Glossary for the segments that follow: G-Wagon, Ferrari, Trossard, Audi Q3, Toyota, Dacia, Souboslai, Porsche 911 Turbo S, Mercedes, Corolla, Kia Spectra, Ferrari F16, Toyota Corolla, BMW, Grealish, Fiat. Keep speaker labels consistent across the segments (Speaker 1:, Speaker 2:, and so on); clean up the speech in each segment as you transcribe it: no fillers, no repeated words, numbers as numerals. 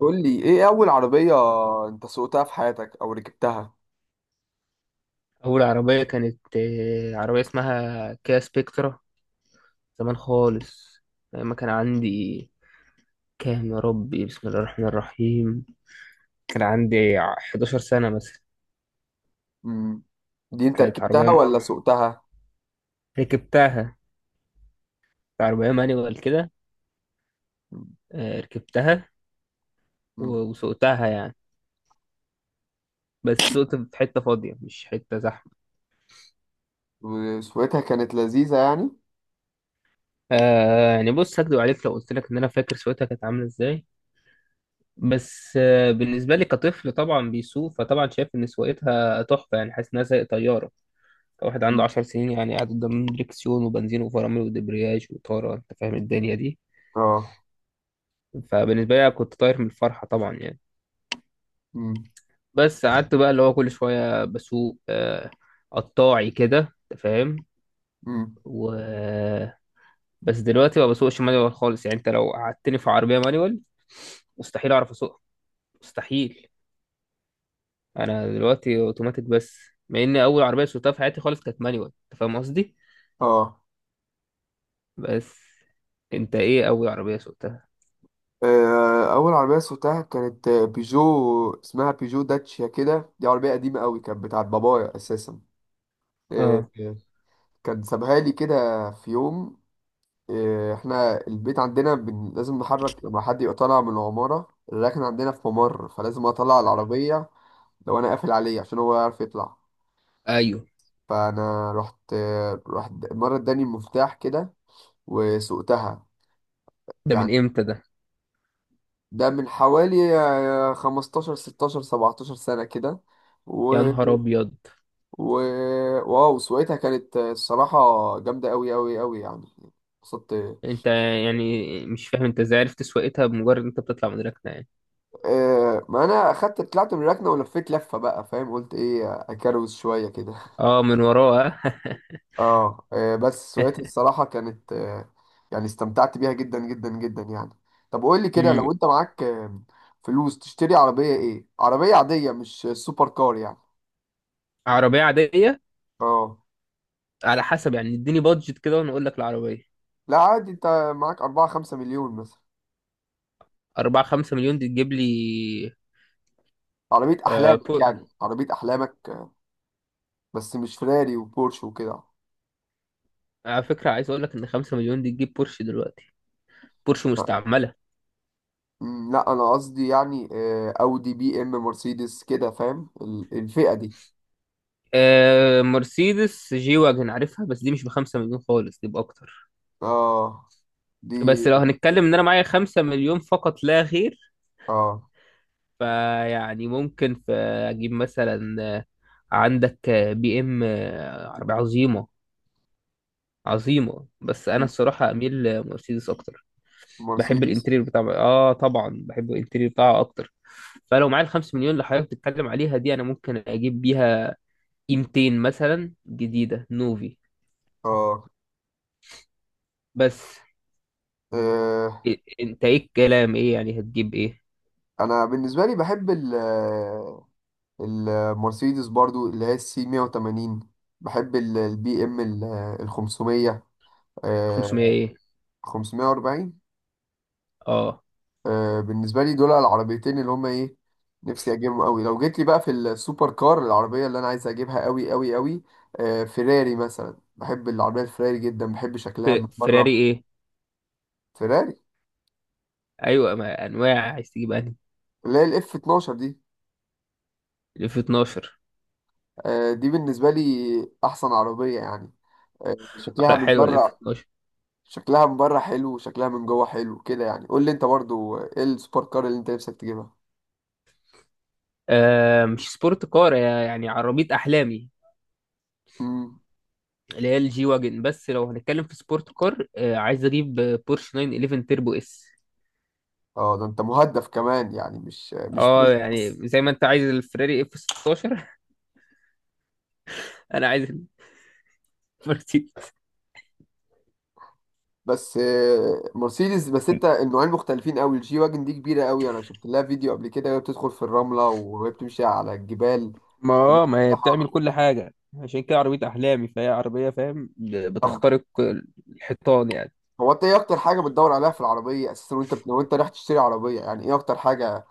Speaker 1: قول لي ايه اول عربية انت سوقتها في حياتك او ركبتها؟
Speaker 2: أول عربية كانت عربية اسمها كيا سبيكترا. زمان خالص. لما كان عندي كام يا ربي، بسم الله الرحمن الرحيم. كان عندي 11 سنة مثلا.
Speaker 1: امم دي انت
Speaker 2: كانت
Speaker 1: ركبتها
Speaker 2: عربية
Speaker 1: ولا سوقتها؟
Speaker 2: ركبتها. كانت عربية مانيوال كده. ركبتها.
Speaker 1: امم
Speaker 2: وسوقتها يعني. بس سوقت في حتة فاضية، مش حتة زحمة.
Speaker 1: وسوقتها كانت لذيذة يعني؟
Speaker 2: يعني بص، هكدب عليك لو قلت لك إن أنا فاكر سوقتها كانت عاملة إزاي. بس بالنسبة لي كطفل طبعا بيسوق، فطبعا شايف إن سواقتها تحفة يعني، حاسس إنها زي طيارة. واحد عنده
Speaker 1: مم.
Speaker 2: 10 سنين يعني، قاعد قدام دريكسيون وبنزين وفرامل ودبرياج وإطارة. أنت فاهم الدنيا دي.
Speaker 1: اه.
Speaker 2: فبالنسبة لي كنت طاير من الفرحة طبعا يعني.
Speaker 1: امم
Speaker 2: بس قعدت بقى اللي هو كل شوية بسوق قطاعي كده. أنت فاهم.
Speaker 1: امم
Speaker 2: و بس دلوقتي ما بسوقش مانيوال خالص يعني، أنت لو قعدتني في عربية مانيوال مستحيل أعرف أسوقها. مستحيل. أنا دلوقتي أوتوماتيك بس. مع إن أول عربية سوقتها في حياتي خالص كانت مانيوال، أنت فاهم قصدي.
Speaker 1: اه.
Speaker 2: بس، أنت إيه أول عربية سوقتها؟
Speaker 1: اول عربية سوقتها كانت بيجو. اسمها بيجو داتشيا كده. دي عربية قديمة قوي، كانت بتاعت بابايا اساسا. آه،
Speaker 2: اه،
Speaker 1: آه، كان سابها لي كده في يوم. احنا البيت عندنا لازم نحرك لما حد يبقى طالع من العمارة الراكن عندنا في ممر، فلازم اطلع العربية لو انا قافل عليه عشان هو يعرف يطلع.
Speaker 2: ايوه،
Speaker 1: فانا رحت مرة اداني المفتاح كده وسوقتها
Speaker 2: ده
Speaker 1: يعني.
Speaker 2: من امتى ده؟
Speaker 1: ده من حوالي 15 16 17 سنة كده. و...
Speaker 2: يا نهار ابيض.
Speaker 1: و... واو، سوقتها كانت الصراحة جامدة أوي أوي أوي يعني. اتبسطت.
Speaker 2: انت، يعني مش فاهم انت ازاي عرفت سواقتها بمجرد انت بتطلع من ركنه يعني؟
Speaker 1: ما انا اخدت طلعت من الركنه ولفيت لفه بقى فاهم، قلت ايه اكروز شويه كده.
Speaker 2: اه، من وراها.
Speaker 1: اه. بس سواقتي الصراحه كانت يعني استمتعت بيها جدا جدا جدا يعني. طب قول لي كده،
Speaker 2: أمم.
Speaker 1: لو انت معاك فلوس تشتري عربيه، ايه عربيه عاديه مش سوبر كار يعني؟
Speaker 2: عربيه عاديه.
Speaker 1: اه.
Speaker 2: على حسب يعني، اديني بادجت كده وانا اقول لك العربيه.
Speaker 1: لا عادي، انت معاك 4 5 مليون مثلا.
Speaker 2: 4 5 مليون دي تجيب لي؟
Speaker 1: عربيه
Speaker 2: آه
Speaker 1: احلامك
Speaker 2: بور
Speaker 1: يعني، عربيه احلامك. بس مش فيراري وبورش وكده.
Speaker 2: على فكره عايز اقول لك ان 5 مليون دي تجيب بورش دلوقتي. بورش مستعمله.
Speaker 1: لا انا قصدي يعني اودي بي ام مرسيدس كده، فاهم الفئة دي.
Speaker 2: مرسيدس جي واجن عارفها، بس دي مش ب 5 مليون خالص، دي باكتر.
Speaker 1: اه. دي.
Speaker 2: بس لو هنتكلم ان انا معايا 5 مليون فقط لا غير،
Speaker 1: اه.
Speaker 2: فيعني ممكن في اجيب مثلا عندك بي ام عربية عظيمة عظيمة. بس انا
Speaker 1: مم،
Speaker 2: الصراحة اميل لمرسيدس اكتر. بحب
Speaker 1: مرسيدس.
Speaker 2: الانتريور بتاع طبعا بحب الانتريور بتاعها اكتر. فلو معايا الخمس مليون اللي حضرتك بتتكلم عليها دي، انا ممكن اجيب بيها اي 200 مثلا جديدة نوفي.
Speaker 1: اه.
Speaker 2: بس
Speaker 1: آه،
Speaker 2: انت ايه الكلام؟ ايه يعني هتجيب ايه؟
Speaker 1: انا بالنسبة لي بحب المرسيدس برضو اللي هي السي 180. بحب البي ام ال 500.
Speaker 2: 500 ايه؟
Speaker 1: 540.
Speaker 2: اه،
Speaker 1: بالنسبه لي دول العربيتين اللي هما ايه، نفسي اجيبهم قوي. لو جيت لي بقى في السوبر كار، العربيه اللي انا عايز اجيبها قوي قوي قوي فيراري مثلا. بحب العربيه الفيراري جدا. بحب شكلها من
Speaker 2: فيراري
Speaker 1: بره.
Speaker 2: ايه؟
Speaker 1: فيراري
Speaker 2: ايوه، ما انواع عايز تجيب انهي؟
Speaker 1: اللي هي الاف 12 دي.
Speaker 2: الاف 12.
Speaker 1: دي بالنسبه لي احسن عربيه يعني. شكلها
Speaker 2: لا،
Speaker 1: من
Speaker 2: حلوه الاف.
Speaker 1: بره. شكلها من بره حلو وشكلها من جوه حلو كده يعني. قول لي انت برضو ايه السوبر كار اللي انت نفسك تجيبها؟
Speaker 2: مش سبورت كار يعني عربية أحلامي
Speaker 1: امم
Speaker 2: اللي هي الجي واجن. بس لو هنتكلم في سبورت كار عايز أجيب بورش 911 تيربو اس.
Speaker 1: اه، ده انت مهدف كمان يعني، مش
Speaker 2: اه،
Speaker 1: تركس.
Speaker 2: يعني زي ما انت عايز الفراري اف 16. انا عايز المرسيدس.
Speaker 1: بس مرسيدس بس. انت النوعين مختلفين قوي. الجي واجن دي كبيره قوي، انا شفت لها فيديو قبل كده وهي بتدخل في الرمله وهي بتمشي على الجبال.
Speaker 2: ما
Speaker 1: عربية
Speaker 2: اه ما هي بتعمل
Speaker 1: سلاحة.
Speaker 2: كل حاجة. عشان كده عربية أحلامي، فهي عربية فاهم
Speaker 1: طب
Speaker 2: بتخترق الحيطان يعني.
Speaker 1: هو انت ايه اكتر حاجه بتدور عليها في العربيه اساسا؟ وانت لو انت رايح تشتري عربيه، يعني ايه اكتر حاجه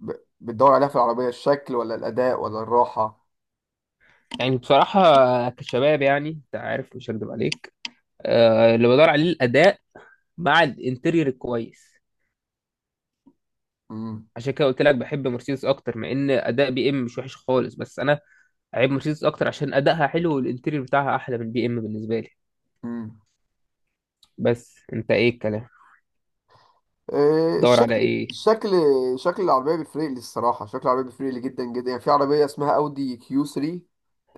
Speaker 1: ب- بتدور عليها في العربيه؟ الشكل ولا الاداء ولا الراحه؟
Speaker 2: يعني بصراحة كشباب يعني، أنت عارف، مش هكدب عليك. اللي بدور عليه الأداء مع الانتيريور الكويس.
Speaker 1: امم
Speaker 2: عشان كده قلت لك بحب مرسيدس اكتر، مع ان اداء بي ام مش وحش خالص، بس انا عيب مرسيدس اكتر عشان ادائها حلو والانتيريور بتاعها احلى من البي ام بالنسبه لي.
Speaker 1: امم
Speaker 2: بس انت ايه الكلام؟ دور على
Speaker 1: الشكل.
Speaker 2: ايه؟
Speaker 1: الشكل. شكل العربيه بيفرق لي الصراحه. شكل العربيه بيفرق لي جدا جدا يعني. في عربيه اسمها اودي كيو 3،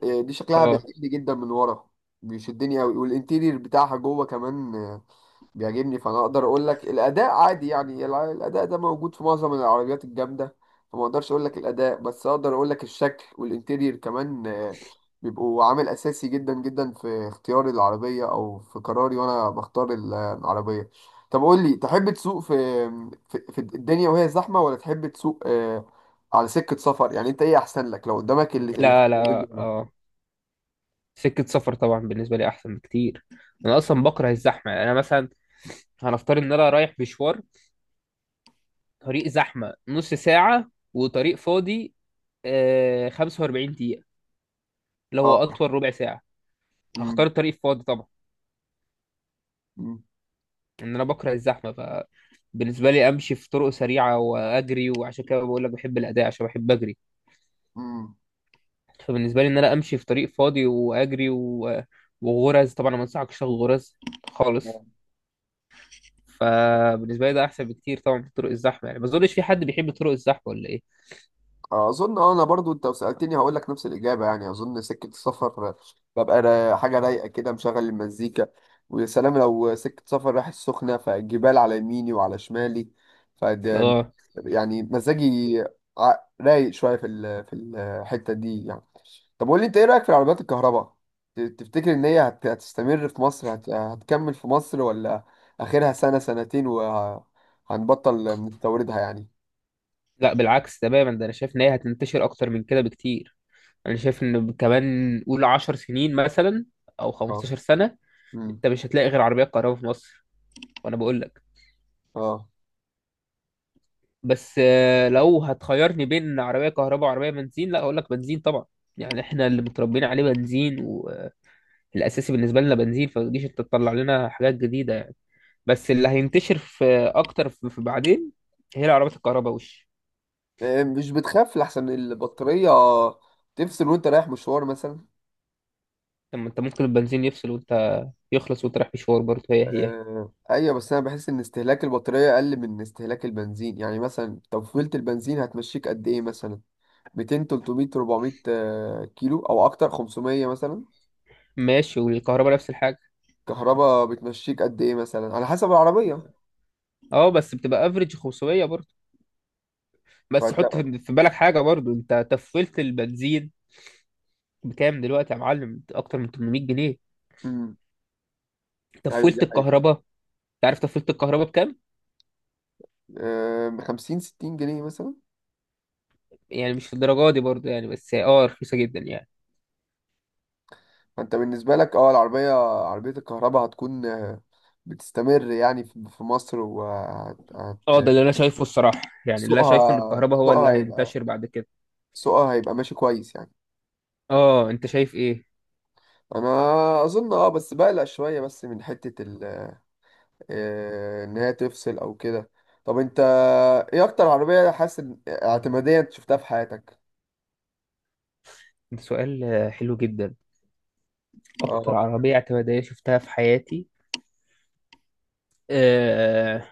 Speaker 1: دي شكلها
Speaker 2: اه،
Speaker 1: بيعجبني جدا من ورا. بيشدني قوي والانتيرير بتاعها جوه كمان بيعجبني. فانا اقدر اقول لك الاداء عادي يعني. الاداء ده موجود في معظم العربيات الجامده، فما اقدرش اقول لك الاداء، بس اقدر اقول لك الشكل والانتيرير كمان بيبقوا عامل اساسي جدا جدا في اختيار العربيه او في قراري وانا بختار العربيه. طب قول لي، تحب تسوق في الدنيا وهي زحمه، ولا تحب تسوق على سكه سفر؟ يعني انت ايه احسن لك لو قدامك اللي
Speaker 2: لا
Speaker 1: اختيارين
Speaker 2: لا،
Speaker 1: دول؟
Speaker 2: اه، سكه سفر طبعا بالنسبه لي احسن بكتير. انا اصلا بكره الزحمه، يعني انا مثلا هنفترض ان انا رايح مشوار. طريق زحمه نص ساعه وطريق فاضي 45 دقيقه، اللي هو اطول ربع ساعه. هختار
Speaker 1: مم.
Speaker 2: الطريق الفاضي طبعا.
Speaker 1: مم.
Speaker 2: ان انا بكره الزحمه، فبالنسبه لي امشي في طرق سريعه واجري، وعشان كده بقول لك بحب الاداء عشان بحب اجري.
Speaker 1: مم.
Speaker 2: فبالنسبه لي ان انا امشي في طريق فاضي واجري وغرز طبعا. أنا ما انصحكش تاخد غرز خالص. فبالنسبه لي ده احسن بكتير طبعا من طرق الزحمه، يعني ما اظنش في حد بيحب طرق الزحمه ولا ايه.
Speaker 1: اظن، اه، انا برضو انت لو سالتني هقول لك نفس الاجابه يعني. اظن سكه السفر ببقى حاجه رايقه كده، مشغل المزيكا، ويا سلام لو سكه سفر رايح السخنه فالجبال على يميني وعلى شمالي. فده
Speaker 2: اه،
Speaker 1: يعني مزاجي ع- رايق شويه في في الحته دي يعني. طب قول لي انت ايه رايك في العربيات الكهرباء؟ تفتكر ان هي هتستمر في مصر، هتكمل في مصر ولا اخرها سنه سنتين وهنبطل نستوردها يعني؟
Speaker 2: لا بالعكس تماما، ده انا شايف ان هي هتنتشر اكتر من كده بكتير. انا شايف ان كمان قول 10 سنين مثلا او
Speaker 1: اه.
Speaker 2: 15 سنه،
Speaker 1: امم
Speaker 2: انت مش هتلاقي غير عربيات كهرباء في مصر. وانا بقول لك.
Speaker 1: اه.
Speaker 2: بس لو هتخيرني بين عربية كهرباء وعربية بنزين، لا أقول لك بنزين طبعا. يعني احنا اللي متربيين عليه بنزين، والأساسي بالنسبة لنا بنزين، فتجيش انت تطلع لنا حاجات جديدة يعني. بس اللي هينتشر في أكتر في بعدين هي العربيات الكهرباء
Speaker 1: مش بتخاف لحسن البطارية تفصل وانت رايح مشوار مثلا؟
Speaker 2: لما انت ممكن البنزين يفصل وانت، يخلص وانت رايح مشوار برضه، هي هي.
Speaker 1: آه. ايوه، بس انا بحس ان استهلاك البطارية اقل من استهلاك البنزين يعني. مثلا تفويلة البنزين هتمشيك قد ايه مثلا؟ 200 300 400 كيلو او اكتر، 500 مثلا.
Speaker 2: ماشي، والكهرباء نفس الحاجة.
Speaker 1: كهرباء بتمشيك قد ايه مثلا على حسب العربية؟
Speaker 2: اه، بس بتبقى افريج 500 برضه. بس
Speaker 1: فانت.
Speaker 2: حط في بالك حاجة برضه. انت تفولت البنزين بكام دلوقتي يا معلم؟ اكتر من 800 جنيه.
Speaker 1: امم ايوه دي
Speaker 2: تفولت
Speaker 1: حقيقة.
Speaker 2: الكهرباء. عارف تفصيلة الكهرباء بكام؟
Speaker 1: آه. 50 60 جنيه مثلا.
Speaker 2: يعني مش في الدرجة دي برضه يعني، بس اه رخيصة جدا يعني.
Speaker 1: فانت بالنسبة لك، اه، العربية، عربية الكهرباء هتكون بتستمر يعني في مصر
Speaker 2: اه، ده اللي انا شايفه الصراحة يعني، اللي انا شايفه ان
Speaker 1: سوقها
Speaker 2: الكهرباء هو
Speaker 1: سوقها
Speaker 2: اللي
Speaker 1: هيبقى
Speaker 2: هينتشر بعد كده.
Speaker 1: سوقها هيبقى ماشي كويس يعني.
Speaker 2: اه، انت شايف ايه؟
Speaker 1: انا اظن، اه، بس بقلق شوية بس من حتة ان هي تفصل او كده. طب انت ايه اكتر عربية حاسس اعتمادية انت شفتها في حياتك؟
Speaker 2: ده سؤال حلو جدا. اكتر
Speaker 1: اه.
Speaker 2: عربية اعتمادية شفتها في حياتي. آه...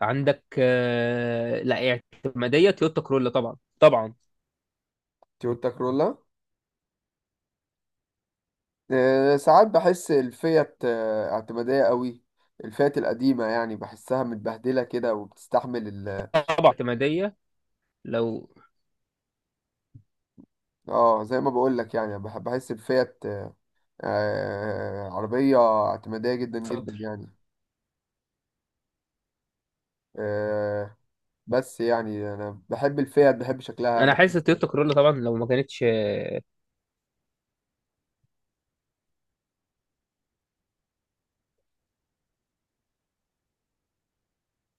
Speaker 2: عندك لا، اعتمادية تويوتا كرولا، طبعا طبعا.
Speaker 1: تويوتا كرولا. ساعات بحس الفيات اعتمادية قوي. الفئات القديمة يعني بحسها متبهدلة كده وبتستحمل.
Speaker 2: طبعا اعتمادية. لو.
Speaker 1: اه، زي ما بقول لك يعني، بحب، بحس بفيات عربية اعتمادية جدا
Speaker 2: اتفضل.
Speaker 1: جدا يعني. آه، بس يعني انا بحب الفيات، بحب شكلها،
Speaker 2: انا
Speaker 1: بحب.
Speaker 2: حاسس تويوتا كرولا طبعا لو ما كانتش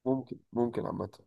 Speaker 1: ممكن عامة.